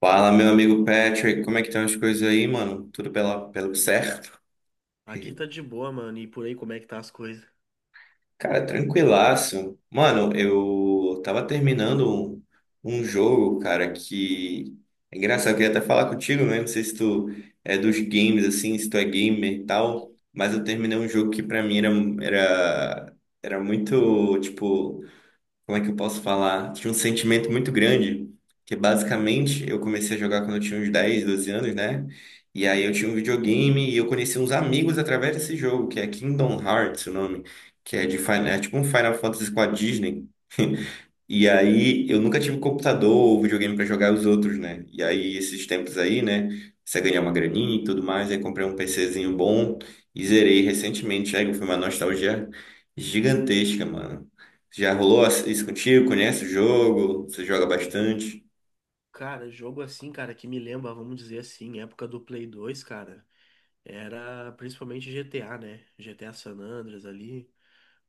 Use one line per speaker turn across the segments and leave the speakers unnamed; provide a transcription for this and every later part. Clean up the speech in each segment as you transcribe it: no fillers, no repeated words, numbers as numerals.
Fala, meu amigo Patrick, como é que estão as coisas aí, mano? Tudo pelo certo?
Aqui tá de boa, mano. E por aí, como é que tá as coisas?
Cara, tranquilaço. Mano, eu tava terminando um jogo, cara, que... É engraçado, eu queria até falar contigo, né? Não sei se tu é dos games, assim, se tu é gamer e tal, mas eu terminei um jogo que pra mim era, era muito, tipo... Como é que eu posso falar? Tinha um sentimento muito grande, que basicamente eu comecei a jogar quando eu tinha uns 10 12 anos, né? E aí eu tinha um videogame e eu conheci uns amigos através desse jogo, que é Kingdom Hearts, o nome, que é de Final, é tipo um Final Fantasy com a Disney. E aí, eu nunca tive computador ou videogame para jogar os outros, né? E aí, esses tempos aí, né? Você ganhar uma graninha e tudo mais, aí comprei um PCzinho bom e zerei recentemente. Aí foi uma nostalgia gigantesca, mano. Já rolou isso contigo? Conhece o jogo? Você joga bastante?
Cara, jogo assim, cara, que me lembra, vamos dizer assim, época do Play 2, cara, era principalmente GTA, né? GTA San Andreas ali,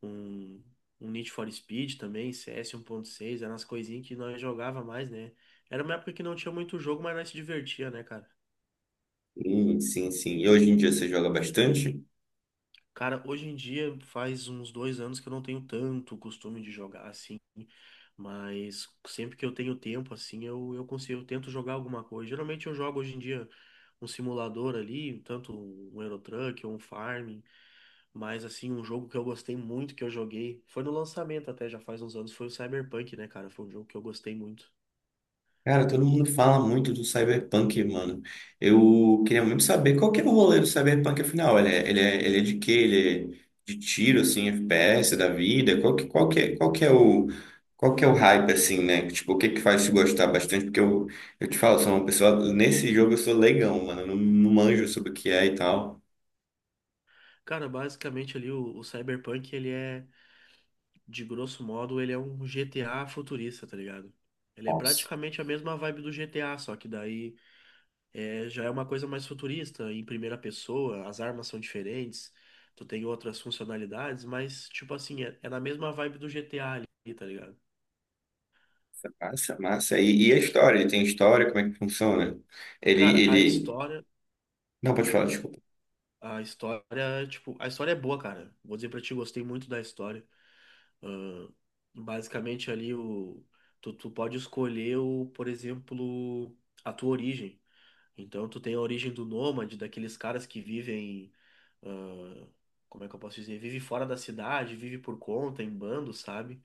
um, um Need for Speed também, CS 1.6, eram as coisinhas que nós jogava mais, né? Era uma época que não tinha muito jogo, mas nós se divertia, né, cara?
Sim, sim, sim. E hoje em dia você joga bastante?
Cara, hoje em dia faz uns dois anos que eu não tenho tanto costume de jogar assim, mas sempre que eu tenho tempo assim, eu consigo, eu tento jogar alguma coisa. Geralmente eu jogo hoje em dia um simulador ali, tanto um Euro Truck ou um Farming, mas assim, um jogo que eu gostei muito que eu joguei, foi no lançamento até já faz uns anos, foi o Cyberpunk, né, cara? Foi um jogo que eu gostei muito.
Cara, todo mundo fala muito do Cyberpunk, mano. Eu queria muito saber qual que é o rolê do Cyberpunk, afinal. Ele é de quê? Ele é de tiro, assim, FPS da vida? Qual que é o, qual que é o hype, assim, né? Tipo, o que que faz te gostar bastante? Porque eu te falo, sou uma pessoa... Nesse jogo eu sou leigão, mano. Eu não, não manjo
Uhum.
sobre o que é e tal.
Cara, basicamente ali o Cyberpunk, ele é de grosso modo, ele é um GTA futurista, tá ligado? Ele é
Nossa.
praticamente a mesma vibe do GTA, só que daí é, já é uma coisa mais futurista, em primeira pessoa, as armas são diferentes, tu tem outras funcionalidades, mas, tipo assim, é na mesma vibe do GTA ali, tá ligado?
Massa, é massa. E a história? Ele tem história? Como é que funciona? Ele,
Cara,
ele... Não, pode falar, desculpa.
a história, tipo, a história é boa, cara. Vou dizer pra ti, gostei muito da história. Basicamente ali, o, tu pode escolher, o, por exemplo, a tua origem. Então tu tem a origem do nômade, daqueles caras que vivem, ah, como é que eu posso dizer? Vive fora da cidade, vive por conta, em bando, sabe?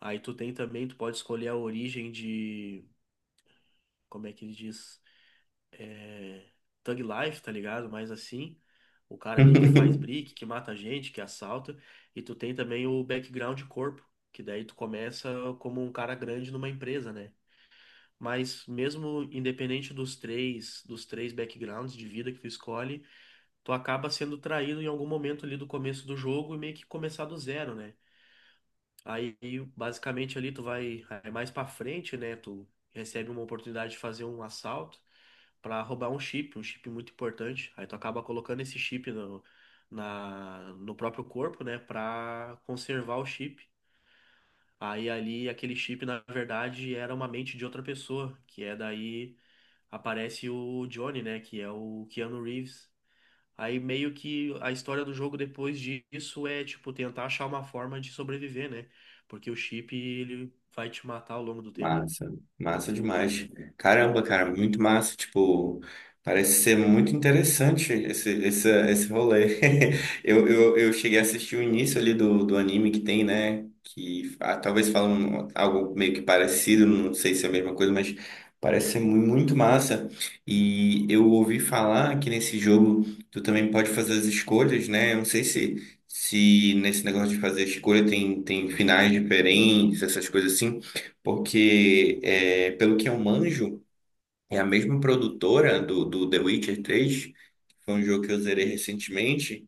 Aí tu tem também, tu pode escolher a origem de, como é que ele diz? É, Thug Life, tá ligado? Mais assim. O cara ali que faz brick, que mata gente, que assalta. E tu tem também o background de corpo, que daí tu começa como um cara grande numa empresa, né? Mas mesmo independente dos três backgrounds de vida que tu escolhe, tu acaba sendo traído em algum momento ali do começo do jogo e meio que começar do zero, né? Aí, basicamente, ali tu vai aí mais pra frente, né? Tu recebe uma oportunidade de fazer um assalto pra roubar um chip muito importante. Aí tu acaba colocando esse chip no próprio corpo, né? Pra conservar o chip. Aí ali, aquele chip, na verdade, era uma mente de outra pessoa, que é daí aparece o Johnny, né? Que é o Keanu Reeves. Aí meio que a história do jogo depois disso é, tipo, tentar achar uma forma de sobreviver, né? Porque o chip, ele vai te matar ao longo do tempo.
Massa, massa demais. Caramba, cara, muito massa. Tipo, parece ser muito interessante esse rolê. Eu cheguei a assistir o início ali do anime que tem, né? Que talvez falam algo meio que parecido, não sei se é a mesma coisa, mas parece ser muito massa. E eu ouvi falar que nesse jogo tu também pode fazer as escolhas, né? Eu não sei se nesse negócio de fazer escolha tem finais diferentes, essas coisas assim. Porque, pelo que eu manjo, é a mesma produtora do The Witcher 3 que foi um jogo que eu zerei
Isso.
recentemente.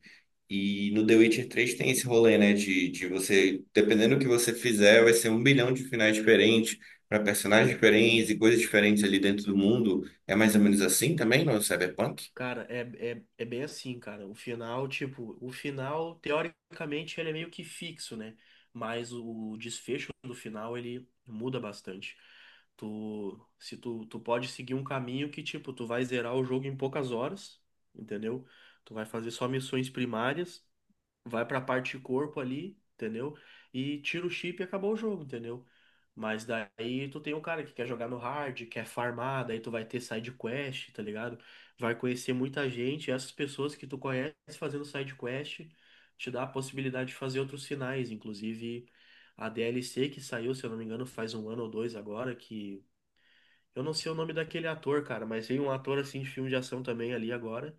E no The Witcher 3 tem esse rolê, né? De você, dependendo do que você fizer, vai ser um bilhão de finais diferentes, para personagens diferentes e coisas diferentes ali dentro do mundo. É mais ou menos assim também no Cyberpunk?
Cara, é bem assim, cara. O final, tipo, o final, teoricamente, ele é meio que fixo, né? Mas o desfecho do final, ele muda bastante. Se tu pode seguir um caminho que, tipo, tu vai zerar o jogo em poucas horas, entendeu? Tu vai fazer só missões primárias, vai pra parte de corpo ali, entendeu? E tira o chip e acabou o jogo, entendeu? Mas daí tu tem um cara que quer jogar no hard, quer farmar, daí tu vai ter side quest, tá ligado? Vai conhecer muita gente, e essas pessoas que tu conhece fazendo side quest te dá a possibilidade de fazer outros finais, inclusive a DLC que saiu, se eu não me engano, faz um ano ou dois agora, que eu não sei o nome daquele ator, cara, mas tem um ator assim de filme de ação também ali agora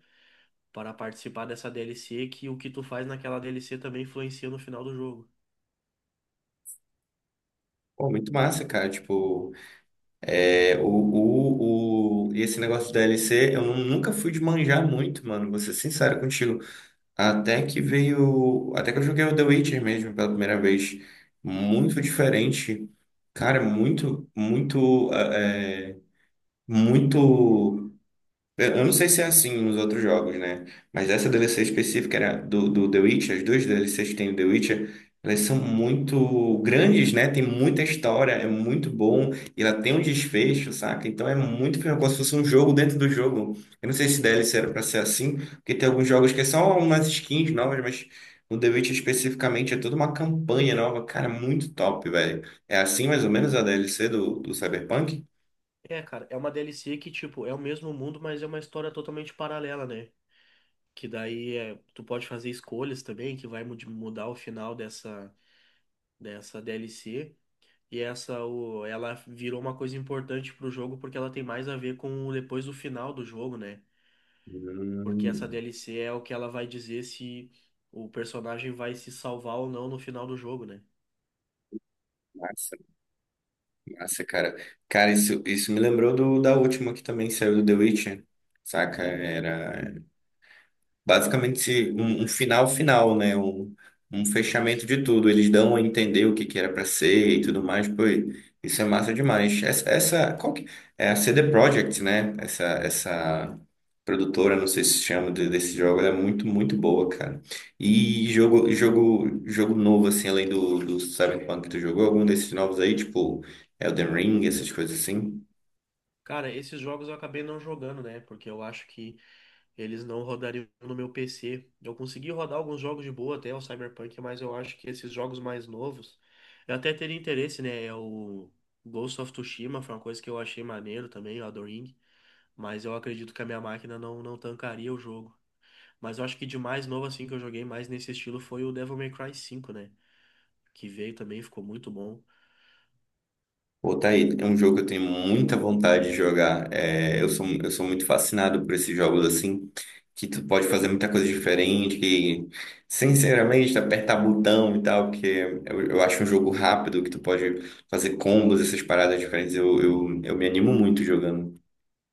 para participar dessa DLC, que o que tu faz naquela DLC também influencia no final do jogo.
Pô, muito massa, cara. Tipo, e esse negócio do DLC, eu nunca fui de manjar muito, mano. Vou ser sincero contigo. Até que veio. Até que eu joguei o The Witcher mesmo pela primeira vez. Muito diferente. Cara, é muito, muito, muito. Eu não sei se é assim nos outros jogos, né? Mas essa DLC específica era do The Witcher, as duas DLCs que tem do The Witcher, elas são muito grandes, né? Tem muita história, é muito bom, e ela tem um desfecho, saca? Então é muito como se fosse um jogo dentro do jogo. Eu não sei se DLC era pra ser assim, porque tem alguns jogos que é só umas skins novas, mas no The Witcher especificamente é toda uma campanha nova. Cara, muito top, velho. É assim mais ou menos a DLC do Cyberpunk?
É, cara, é uma DLC que, tipo, é o mesmo mundo, mas é uma história totalmente paralela, né? Que daí é, tu pode fazer escolhas também, que vai mudar o final dessa DLC. E essa, o, ela virou uma coisa importante pro jogo porque ela tem mais a ver com depois do final do jogo, né? Porque essa
Hum,
DLC é o que ela vai dizer se o personagem vai se salvar ou não no final do jogo, né?
massa. Nossa, cara. Cara, isso me lembrou do, da última que também saiu do The Witcher, saca? Era basicamente um final final, né? Um
Isso.
fechamento de tudo. Eles dão a entender o que que era para ser e tudo mais. Pô, isso é massa demais. Essa é a CD Projekt, né? Essa produtora, não sei se chama desse jogo, ela é muito, muito boa, cara. E jogo novo, assim, além do Cyberpunk que tu jogou, algum desses novos aí, tipo Elden Ring, essas coisas assim.
Cara, esses jogos eu acabei não jogando, né? Porque eu acho que eles não rodariam no meu PC. Eu consegui rodar alguns jogos de boa até o Cyberpunk, mas eu acho que esses jogos mais novos, eu até teria interesse, né? É o Ghost of Tsushima, foi uma coisa que eu achei maneiro também, o Elden Ring, mas eu acredito que a minha máquina não tancaria o jogo. Mas eu acho que de mais novo assim que eu joguei mais nesse estilo foi o Devil May Cry 5, né? Que veio também, ficou muito bom.
Pô, tá aí. É um jogo que eu tenho muita vontade de jogar. É, eu sou muito fascinado por esses jogos assim, que tu pode fazer muita coisa diferente, que, sinceramente, apertar botão e tal, porque eu acho um jogo rápido, que tu pode fazer combos, essas paradas diferentes. Eu me animo muito jogando.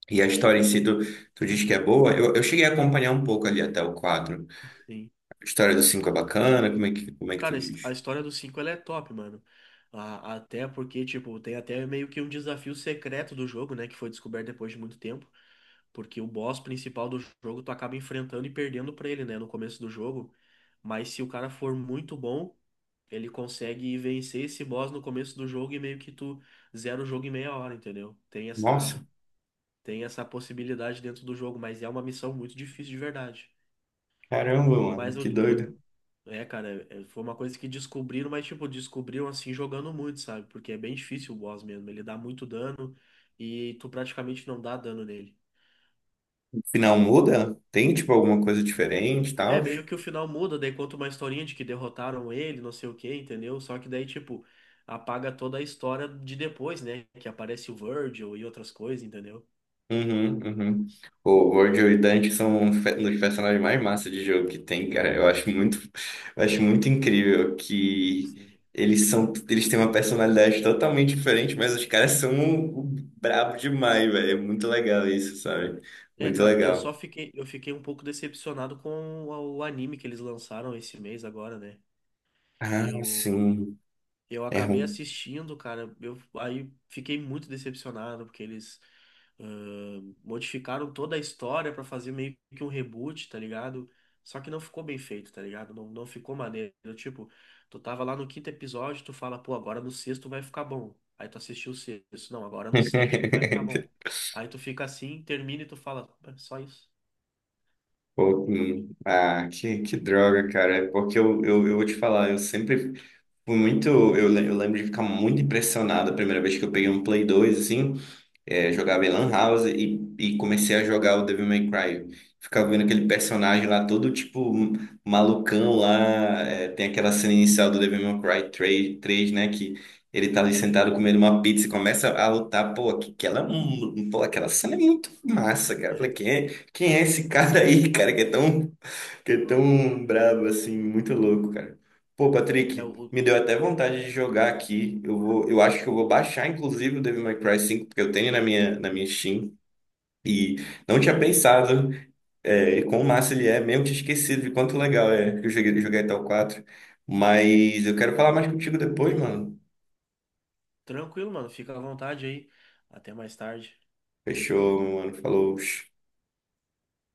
E a história em si, tu diz que é boa. Eu cheguei a acompanhar um pouco ali até o 4.
Assim,
A história do 5 é bacana, como é que tu
cara, a
diz?
história dos cinco, ela é top, mano. A- Até porque, tipo, tem até meio que um desafio secreto do jogo, né? Que foi descoberto depois de muito tempo. Porque o boss principal do jogo tu acaba enfrentando e perdendo pra ele, né? No começo do jogo. Mas se o cara for muito bom, ele consegue vencer esse boss no começo do jogo e meio que tu zera o jogo em meia hora, entendeu?
Nossa,
Tem essa possibilidade dentro do jogo, mas é uma missão muito difícil de verdade.
caramba, mano,
Mas o,
que doido.
é, cara, foi uma coisa que descobriram, mas, tipo, descobriram assim jogando muito, sabe? Porque é bem difícil o boss mesmo. Ele dá muito dano e tu praticamente não dá dano nele.
Final muda? Tem, tipo, alguma coisa diferente e
É,
tal?
meio que o final muda, daí conta uma historinha de que derrotaram ele, não sei o quê, entendeu? Só que daí, tipo, apaga toda a história de depois, né? Que aparece o Virgil e outras coisas, entendeu?
Uhum, uhum. O World e o Dante são um dos personagens mais massa de jogo que tem, cara. Eu
É,
acho muito, eu acho muito incrível que
sim.
eles têm uma personalidade totalmente diferente, mas os caras são um brabo demais, velho. É muito legal isso, sabe?
É,
Muito
cara, eu
legal.
só fiquei, eu fiquei um pouco decepcionado com o anime que eles lançaram esse mês agora, né?
Ah,
Eu.
sim.
Eu
É
acabei
ruim.
assistindo, cara. Eu aí fiquei muito decepcionado porque eles ah, modificaram toda a história pra fazer meio que um reboot, tá ligado? Só que não ficou bem feito, tá ligado? Não, não ficou maneiro. Tipo, tu tava lá no quinto episódio, tu fala, pô, agora no sexto vai ficar bom. Aí tu assistiu o sexto, não, agora no sétimo vai ficar bom. Aí tu fica assim, termina e tu fala, "É só isso."
Pô. Ah, que droga, cara. É porque eu vou te falar, eu sempre fui muito, eu lembro de ficar muito impressionado a primeira vez que eu peguei um Play 2 assim,
Sim,
jogava em Lan House e comecei a jogar o Devil May Cry. Ficava vendo aquele personagem lá todo, tipo, malucão lá, tem aquela cena inicial do Devil May Cry três né, que ele tá ali
sim.
sentado comendo uma pizza e começa a lutar, pô, que ela, é um- pô, aquela cena é muito massa, cara. Eu
É,
falei, quem é esse cara aí, cara, que é tão Fiquei tão bravo assim, muito louco, cara. Pô,
é o,
Patrick,
o-
me deu até vontade de jogar aqui. Eu acho que eu vou baixar, inclusive, o Devil May Cry 5, porque eu tenho na minha Steam. E não tinha pensado quão massa ele é, mesmo tinha esquecido de quanto legal é que eu joguei até o 4. Mas eu quero falar mais contigo depois, mano.
Tranquilo, mano. Fica à vontade aí. Até mais tarde.
Fechou, meu mano. Falou.